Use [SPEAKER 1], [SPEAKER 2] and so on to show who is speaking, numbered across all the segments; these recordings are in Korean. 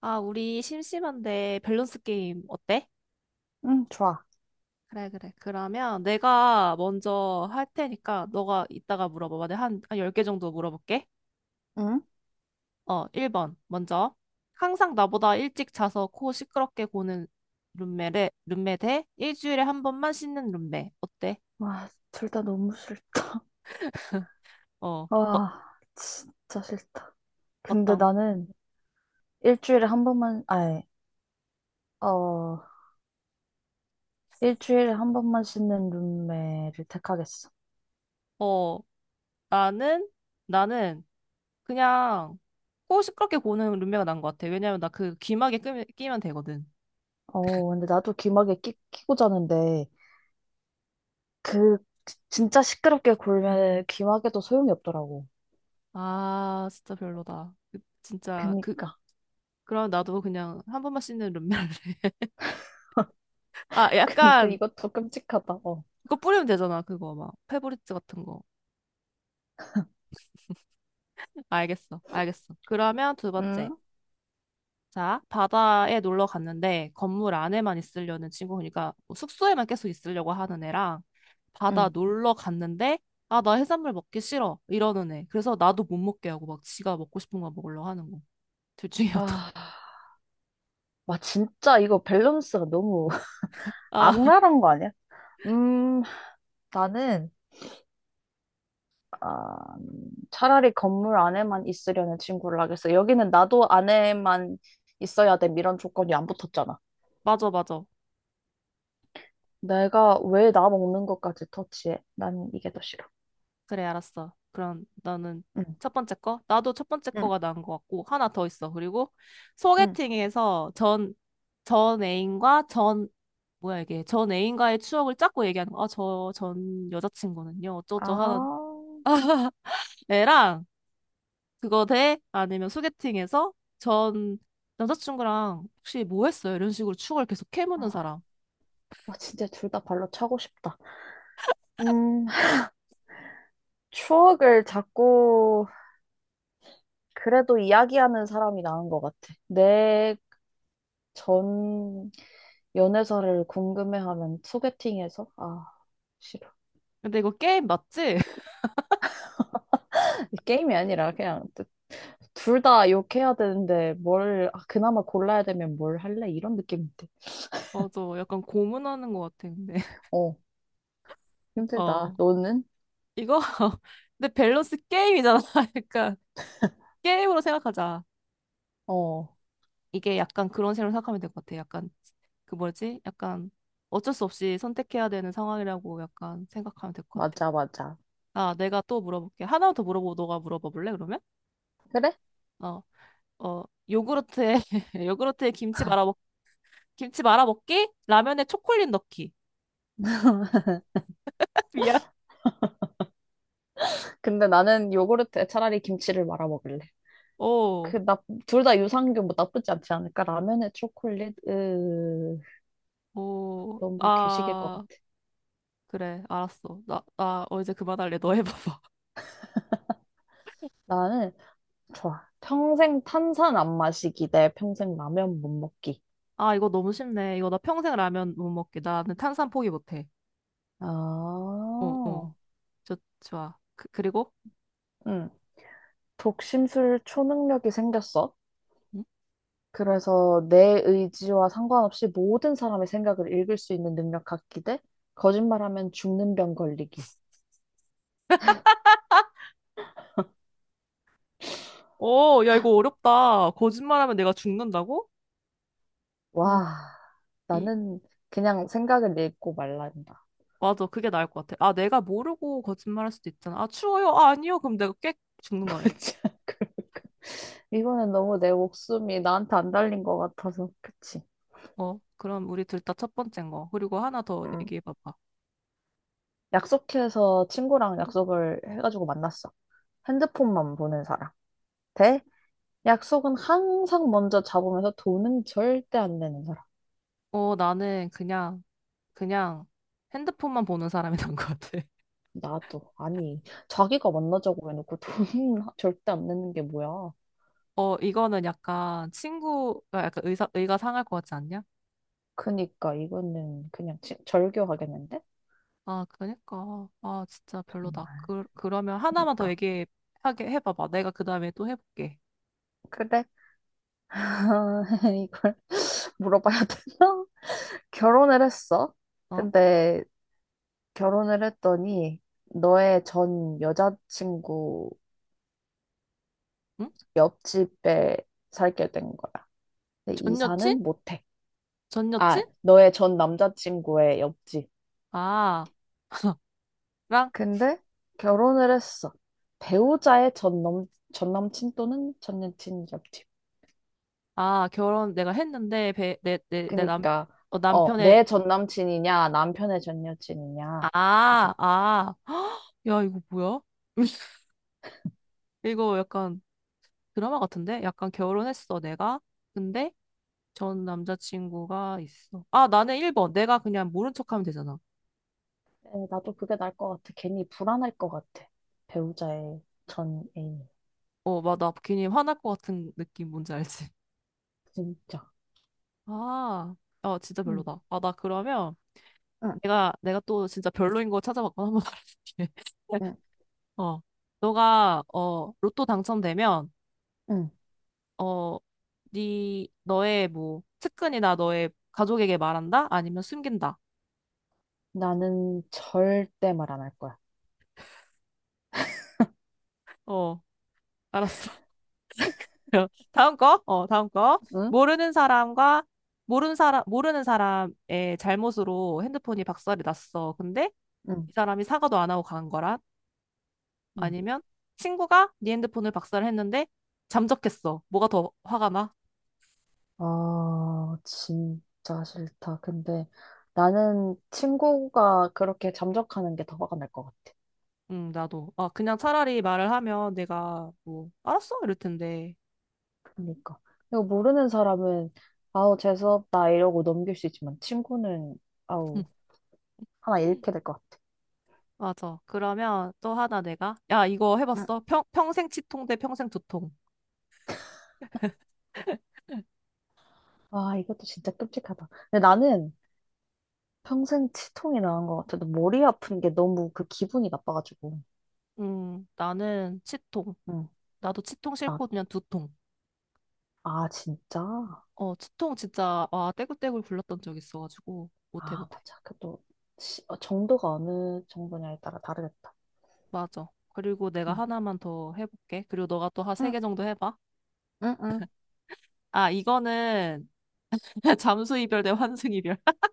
[SPEAKER 1] 아, 우리 심심한데 밸런스 게임 어때?
[SPEAKER 2] 응, 좋아.
[SPEAKER 1] 그래, 그래. 그러면 내가 먼저 할 테니까 너가 이따가 물어봐봐. 내가 한 10개 정도 물어볼게.
[SPEAKER 2] 응?
[SPEAKER 1] 1번. 먼저. 항상 나보다 일찍 자서 코 시끄럽게 고는 룸메, 룸메 대 일주일에 한 번만 씻는 룸메. 어때?
[SPEAKER 2] 와, 둘 다 너무 싫다.
[SPEAKER 1] 어, 어,
[SPEAKER 2] 와, 진짜 싫다. 근데
[SPEAKER 1] 어떤?
[SPEAKER 2] 나는 일주일에 한 번만, 아니, 어, 일주일에 한 번만 씻는 룸메를 택하겠어.
[SPEAKER 1] 어, 나는, 나는 그냥 코 시끄럽게 고는 룸메가 난 것 같아. 왜냐면 나 그 귀마개 끼면 되거든.
[SPEAKER 2] 어, 근데 나도 귀마개 끼고 자는데, 그, 진짜 시끄럽게 굴면 귀마개도 소용이 없더라고.
[SPEAKER 1] 아, 진짜 별로다. 진짜 그
[SPEAKER 2] 그니까.
[SPEAKER 1] 그럼 나도 그냥 한 번만 씻는 룸메 할래. 아,
[SPEAKER 2] 근데
[SPEAKER 1] 약간
[SPEAKER 2] 이것도 끔찍하다. 어.
[SPEAKER 1] 그거 뿌리면 되잖아. 그거 막 페브리즈 같은 거. 알겠어. 알겠어. 그러면 두 번째.
[SPEAKER 2] 응?
[SPEAKER 1] 자, 바다에 놀러 갔는데 건물 안에만 있으려는 친구, 그러니까 뭐 숙소에만 계속 있으려고 하는 애랑 바다
[SPEAKER 2] 응.
[SPEAKER 1] 놀러 갔는데 아, 나 해산물 먹기 싫어, 이러는 애. 그래서 나도 못 먹게 하고 막 지가 먹고 싶은 거 먹으려고 하는 거. 둘 중에 어떤
[SPEAKER 2] 아, 와, 진짜 이거 밸런스가 너무
[SPEAKER 1] 아,
[SPEAKER 2] 악랄한 거 아니야? 음, 나는, 아, 차라리 건물 안에만 있으려는 친구를 하겠어. 여기는 나도 안에만 있어야 돼. 이런 조건이 안 붙었잖아.
[SPEAKER 1] 맞아, 맞아.
[SPEAKER 2] 내가 왜 나 먹는 것까지 터치해? 난 이게 더 싫어.
[SPEAKER 1] 그래, 알았어. 그럼 너는
[SPEAKER 2] 응,
[SPEAKER 1] 첫 번째 거? 나도 첫 번째
[SPEAKER 2] 응,
[SPEAKER 1] 거가 나은 것 같고, 하나 더 있어. 그리고
[SPEAKER 2] 응.
[SPEAKER 1] 소개팅에서 전 애인과 전, 뭐야 이게, 전 애인과의 추억을 짰고 얘기하는 거. 아, 저 전 여자친구는요. 어쩌죠 하는
[SPEAKER 2] 아,
[SPEAKER 1] 애랑, 그거 대 아니면 소개팅에서 전 남자친구랑 혹시 뭐 했어요? 이런 식으로 추억을 계속 캐묻는 사람.
[SPEAKER 2] 와, 진짜 둘 다 발로 차고 싶다. 음, 추억을 자꾸 그래도 이야기하는 사람이 나은 것 같아. 내 전 연애사를 궁금해하면 소개팅에서 아, 싫어.
[SPEAKER 1] 근데 이거 게임 맞지?
[SPEAKER 2] 게임이 아니라 그냥 둘 다 욕해야 되는데 뭘, 아, 그나마 골라야 되면 뭘 할래? 이런 느낌인데.
[SPEAKER 1] 저 약간 고문하는 것 같아, 근데.
[SPEAKER 2] 어, 힘들다.
[SPEAKER 1] 어.
[SPEAKER 2] 너는?
[SPEAKER 1] 이거 근데 밸런스 게임이잖아. 약간 게임으로 생각하자.
[SPEAKER 2] 어,
[SPEAKER 1] 이게 약간 그런 식으로 생각하면 될 것 같아. 약간 그 뭐지? 약간 어쩔 수 없이 선택해야 되는 상황이라고 약간 생각하면 될 것 같아.
[SPEAKER 2] 맞아, 맞아.
[SPEAKER 1] 아, 내가 또 물어볼게. 하나 더 물어보고 너가 물어봐 볼래? 그러면?
[SPEAKER 2] 그래?
[SPEAKER 1] 어, 어, 요구르트에 요구르트에 김치 말아 먹기? 라면에 초콜릿 넣기. 미안.
[SPEAKER 2] 근데 나는 요구르트에 차라리 김치를 말아 먹을래.
[SPEAKER 1] 오,
[SPEAKER 2] 나, 둘 다 유산균 뭐 나쁘지 않지 않을까? 라면에 초콜릿? 으,
[SPEAKER 1] 오,
[SPEAKER 2] 너무 괴식일 것
[SPEAKER 1] 아,
[SPEAKER 2] 같아.
[SPEAKER 1] 그래, 알았어. 이제 그만할래. 너 해봐봐.
[SPEAKER 2] 나는, 좋아. 평생 탄산 안 마시기 대 평생 라면 못 먹기.
[SPEAKER 1] 아, 이거 너무 쉽네. 이거 나 평생 라면 못 먹게. 나는 탄산 포기 못해. 어, 어.
[SPEAKER 2] 아,
[SPEAKER 1] 좋아. 그리고?
[SPEAKER 2] 응. 독심술 초능력이 생겼어.
[SPEAKER 1] 응?
[SPEAKER 2] 그래서 내 의지와 상관없이 모든 사람의 생각을 읽을 수 있는 능력 갖기 대 거짓말하면 죽는 병 걸리기.
[SPEAKER 1] 야, 이거 어렵다. 거짓말하면 내가 죽는다고? 어,
[SPEAKER 2] 와,
[SPEAKER 1] 이,
[SPEAKER 2] 나는 그냥 생각을 읽고 말란다.
[SPEAKER 1] 맞아. 그게 나을 것 같아. 아, 내가 모르고 거짓말할 수도 있잖아. 아, 추워요? 아, 아니요. 그럼 내가 꽥 죽는 거 아니야?
[SPEAKER 2] 진짜 그럴까 이거는 너무 내 목숨이 나한테 안 달린 것 같아서 그치?
[SPEAKER 1] 그럼 우리 둘 다 첫 번째인 거. 그리고 하나 더
[SPEAKER 2] 음.
[SPEAKER 1] 얘기해봐봐.
[SPEAKER 2] 약속해서 친구랑 약속을 해가지고 만났어. 핸드폰만 보는 사람. 대 약속은 항상 먼저 잡으면서 돈은 절대 안 내는 사람.
[SPEAKER 1] 나는 그냥 핸드폰만 보는 사람이 난 것 같아.
[SPEAKER 2] 나도 아니 자기가 만나자고 해놓고 돈 절대 안 내는 게 뭐야?
[SPEAKER 1] 이거는 약간 친구가 약간 의가 상할 것 같지 않냐?
[SPEAKER 2] 그니까 이거는 그냥 절교하겠는데?
[SPEAKER 1] 아, 그니까. 아, 진짜 별로다.
[SPEAKER 2] 정말
[SPEAKER 1] 그러면 하나만 더
[SPEAKER 2] 그니까
[SPEAKER 1] 얘기하게 해봐봐. 내가 그 다음에 또 해볼게.
[SPEAKER 2] 그래 아, 이걸 물어봐야 되나? 결혼을 했어.
[SPEAKER 1] 어?
[SPEAKER 2] 근데 결혼을 했더니 너의 전 여자친구
[SPEAKER 1] 응?
[SPEAKER 2] 옆집에 살게 된 거야. 근데
[SPEAKER 1] 전 여친?
[SPEAKER 2] 이사는 못해.
[SPEAKER 1] 전
[SPEAKER 2] 아,
[SPEAKER 1] 여친?
[SPEAKER 2] 너의 전 남자친구의 옆집.
[SPEAKER 1] 아, 랑?
[SPEAKER 2] 근데 결혼을 했어. 배우자의 전 남친 또는 전 여친 옆집.
[SPEAKER 1] 아, 결혼 내가 했는데, 배, 내, 내, 내 남,
[SPEAKER 2] 그니까,
[SPEAKER 1] 어, 남편의,
[SPEAKER 2] 내 전 남친이냐, 남편의 전 여친이냐, 이거.
[SPEAKER 1] 아, 아. 헉, 야, 이거 뭐야? 이거 약간 드라마 같은데? 약간 결혼했어, 내가. 근데 전 남자친구가 있어. 아, 나는 1번. 내가 그냥 모른 척하면 되잖아.
[SPEAKER 2] 에, 나도 그게 나을 것 같아. 괜히 불안할 것 같아. 배우자의 전애인
[SPEAKER 1] 막, 나 괜히 화날 것 같은 느낌 뭔지 알지?
[SPEAKER 2] 진짜.
[SPEAKER 1] 아, 진짜
[SPEAKER 2] 응,
[SPEAKER 1] 별로다. 아, 나 그러면
[SPEAKER 2] 응,
[SPEAKER 1] 내가 또 진짜 별로인 거 찾아봤거나 한번 말해줄게.
[SPEAKER 2] 응,
[SPEAKER 1] 어, 너가 로또 당첨되면,
[SPEAKER 2] 응.
[SPEAKER 1] 어, 네, 너의 뭐, 측근이나 너의 가족에게 말한다? 아니면 숨긴다?
[SPEAKER 2] 나는 절대 말 안 할 거야.
[SPEAKER 1] 어, 알았어. 다음 거? 다음 거.
[SPEAKER 2] 응?
[SPEAKER 1] 모르는 사람의 잘못으로 핸드폰이 박살이 났어. 근데
[SPEAKER 2] 응,
[SPEAKER 1] 이 사람이 사과도 안 하고 간 거랑,
[SPEAKER 2] 응.
[SPEAKER 1] 아니면 친구가 네 핸드폰을 박살했는데 잠적했어. 뭐가 더 화가 나?
[SPEAKER 2] 아, 진짜 싫다. 근데 나는 친구가 그렇게 잠적하는 게 더 화가 날 것 같아.
[SPEAKER 1] 나도. 아, 그냥 차라리 말을 하면 내가 뭐 알았어 이럴 텐데.
[SPEAKER 2] 그러니까. 이거 모르는 사람은, 아우, 재수없다, 이러고 넘길 수 있지만, 친구는, 아우, 하나
[SPEAKER 1] 음,
[SPEAKER 2] 잃게 될 것 같아.
[SPEAKER 1] 맞아. 그러면 또 하나 내가 야, 이거
[SPEAKER 2] 응.
[SPEAKER 1] 해봤어? 평생 치통 대 평생 두통.
[SPEAKER 2] 아, 이것도 진짜 끔찍하다. 근데 나는 평생 치통이 나은 것 같아도 머리 아픈 게 너무 그 기분이 나빠가지고.
[SPEAKER 1] 나는 치통.
[SPEAKER 2] 응.
[SPEAKER 1] 나도 치통
[SPEAKER 2] 아,
[SPEAKER 1] 싫고 그냥 두통.
[SPEAKER 2] 아, 진짜?
[SPEAKER 1] 치통 진짜 와, 떼굴떼굴 굴렀던 적 있어가지고 못해
[SPEAKER 2] 아,
[SPEAKER 1] 못해.
[SPEAKER 2] 맞아. 그것도 정도가 어느 정도냐에 따라 다르겠다.
[SPEAKER 1] 맞아. 그리고 내가
[SPEAKER 2] 응.
[SPEAKER 1] 하나만 더 해볼게. 그리고 너가 또 한 세 개 정도 해봐.
[SPEAKER 2] 응응.
[SPEAKER 1] 아, 이거는 잠수 이별 대 환승 이별.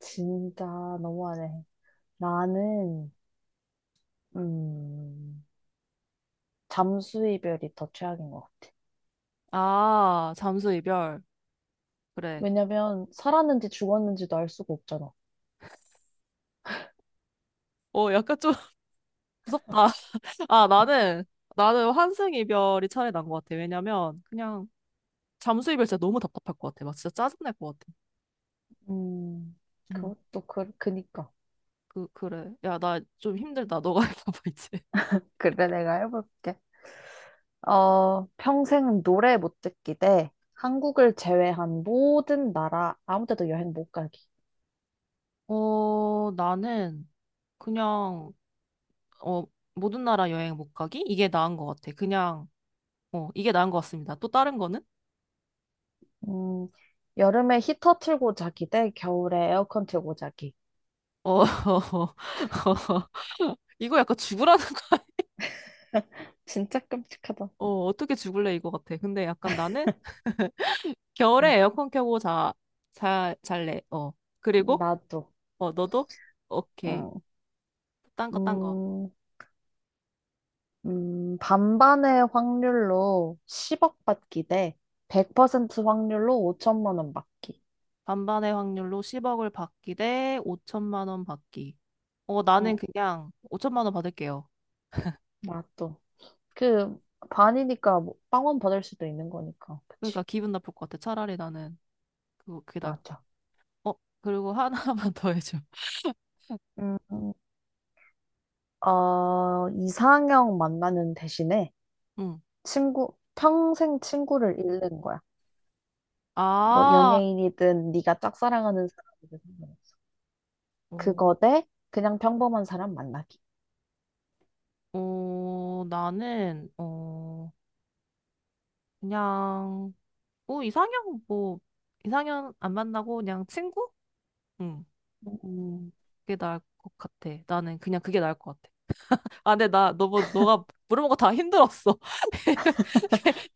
[SPEAKER 2] 진짜 너무하네. 나는, 음, 잠수 이별이 더 최악인 것 같아.
[SPEAKER 1] 아, 잠수 이별. 그래.
[SPEAKER 2] 왜냐면, 살았는지 죽었는지도 알 수가 없잖아.
[SPEAKER 1] 약간 좀 무섭다. 아, 나는 환승 이별이 차라리 난것 같아. 왜냐면, 그냥, 잠수 이별 진짜 너무 답답할 것 같아. 막 진짜 짜증날 것 같아.
[SPEAKER 2] 음,
[SPEAKER 1] 응.
[SPEAKER 2] 그것도 그니까.
[SPEAKER 1] 그래. 야, 나 좀 힘들다. 너가 해봐봐, 이제.
[SPEAKER 2] 그래, 내가 해볼게. 평생 노래 못 듣기 대 한국을 제외한 모든 나라, 아무 데도 여행 못 가기.
[SPEAKER 1] 나는, 그냥, 어, 모든 나라 여행 못 가기? 이게 나은 것 같아. 그냥, 이게 나은 것 같습니다. 또 다른 거는?
[SPEAKER 2] 음, 여름에 히터 틀고 자기 대 겨울에 에어컨 틀고 자기.
[SPEAKER 1] 어, 이거 약간 죽으라는
[SPEAKER 2] 진짜 끔찍하다.
[SPEAKER 1] 어떻게 죽을래 이거 같아. 근데 약간 나는 겨울에 에어컨 켜고 잘래. 어. 그리고,
[SPEAKER 2] 나도.
[SPEAKER 1] 너도? 오케이.
[SPEAKER 2] 응.
[SPEAKER 1] 딴 거, 딴 거.
[SPEAKER 2] 음, 반반의 확률로 10억 받기 대 100% 확률로 5천만 원 받기.
[SPEAKER 1] 반반의 확률로 10억을 받기 대 5천만 원 받기. 나는
[SPEAKER 2] 어,
[SPEAKER 1] 그냥 5천만 원 받을게요.
[SPEAKER 2] 맞아. 그, 반이니까 뭐 빵원 받을 수도 있는 거니까. 그치.
[SPEAKER 1] 그러니까 기분 나쁠 것 같아. 차라리 나는 그게 나을
[SPEAKER 2] 맞아.
[SPEAKER 1] 거. 그리고 하나만 더 해줘.
[SPEAKER 2] 음, 이상형 만나는 대신에
[SPEAKER 1] 응.
[SPEAKER 2] 평생 친구를 잃는 거야. 뭐
[SPEAKER 1] 아,
[SPEAKER 2] 연예인이든 네가 짝사랑하는 사람이든 상관없어.
[SPEAKER 1] 어,
[SPEAKER 2] 그거 대 그냥 평범한 사람 만나기.
[SPEAKER 1] 나는, 그냥, 뭐 이상형 안 만나고 그냥 친구? 응.
[SPEAKER 2] 음.
[SPEAKER 1] 그게 나을 것 같아. 나는 그냥 그게 나을 것 같아. 아, 근데 나 너무 너가 물어본 거 다 힘들었어.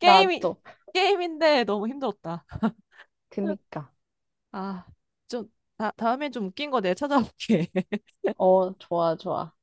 [SPEAKER 1] 게- 임이 게임인데 너무 힘들었다.
[SPEAKER 2] 그니까.
[SPEAKER 1] 아, 좀 다음에 좀 웃긴 거 내가 찾아볼게.
[SPEAKER 2] 어, 좋아, 좋아.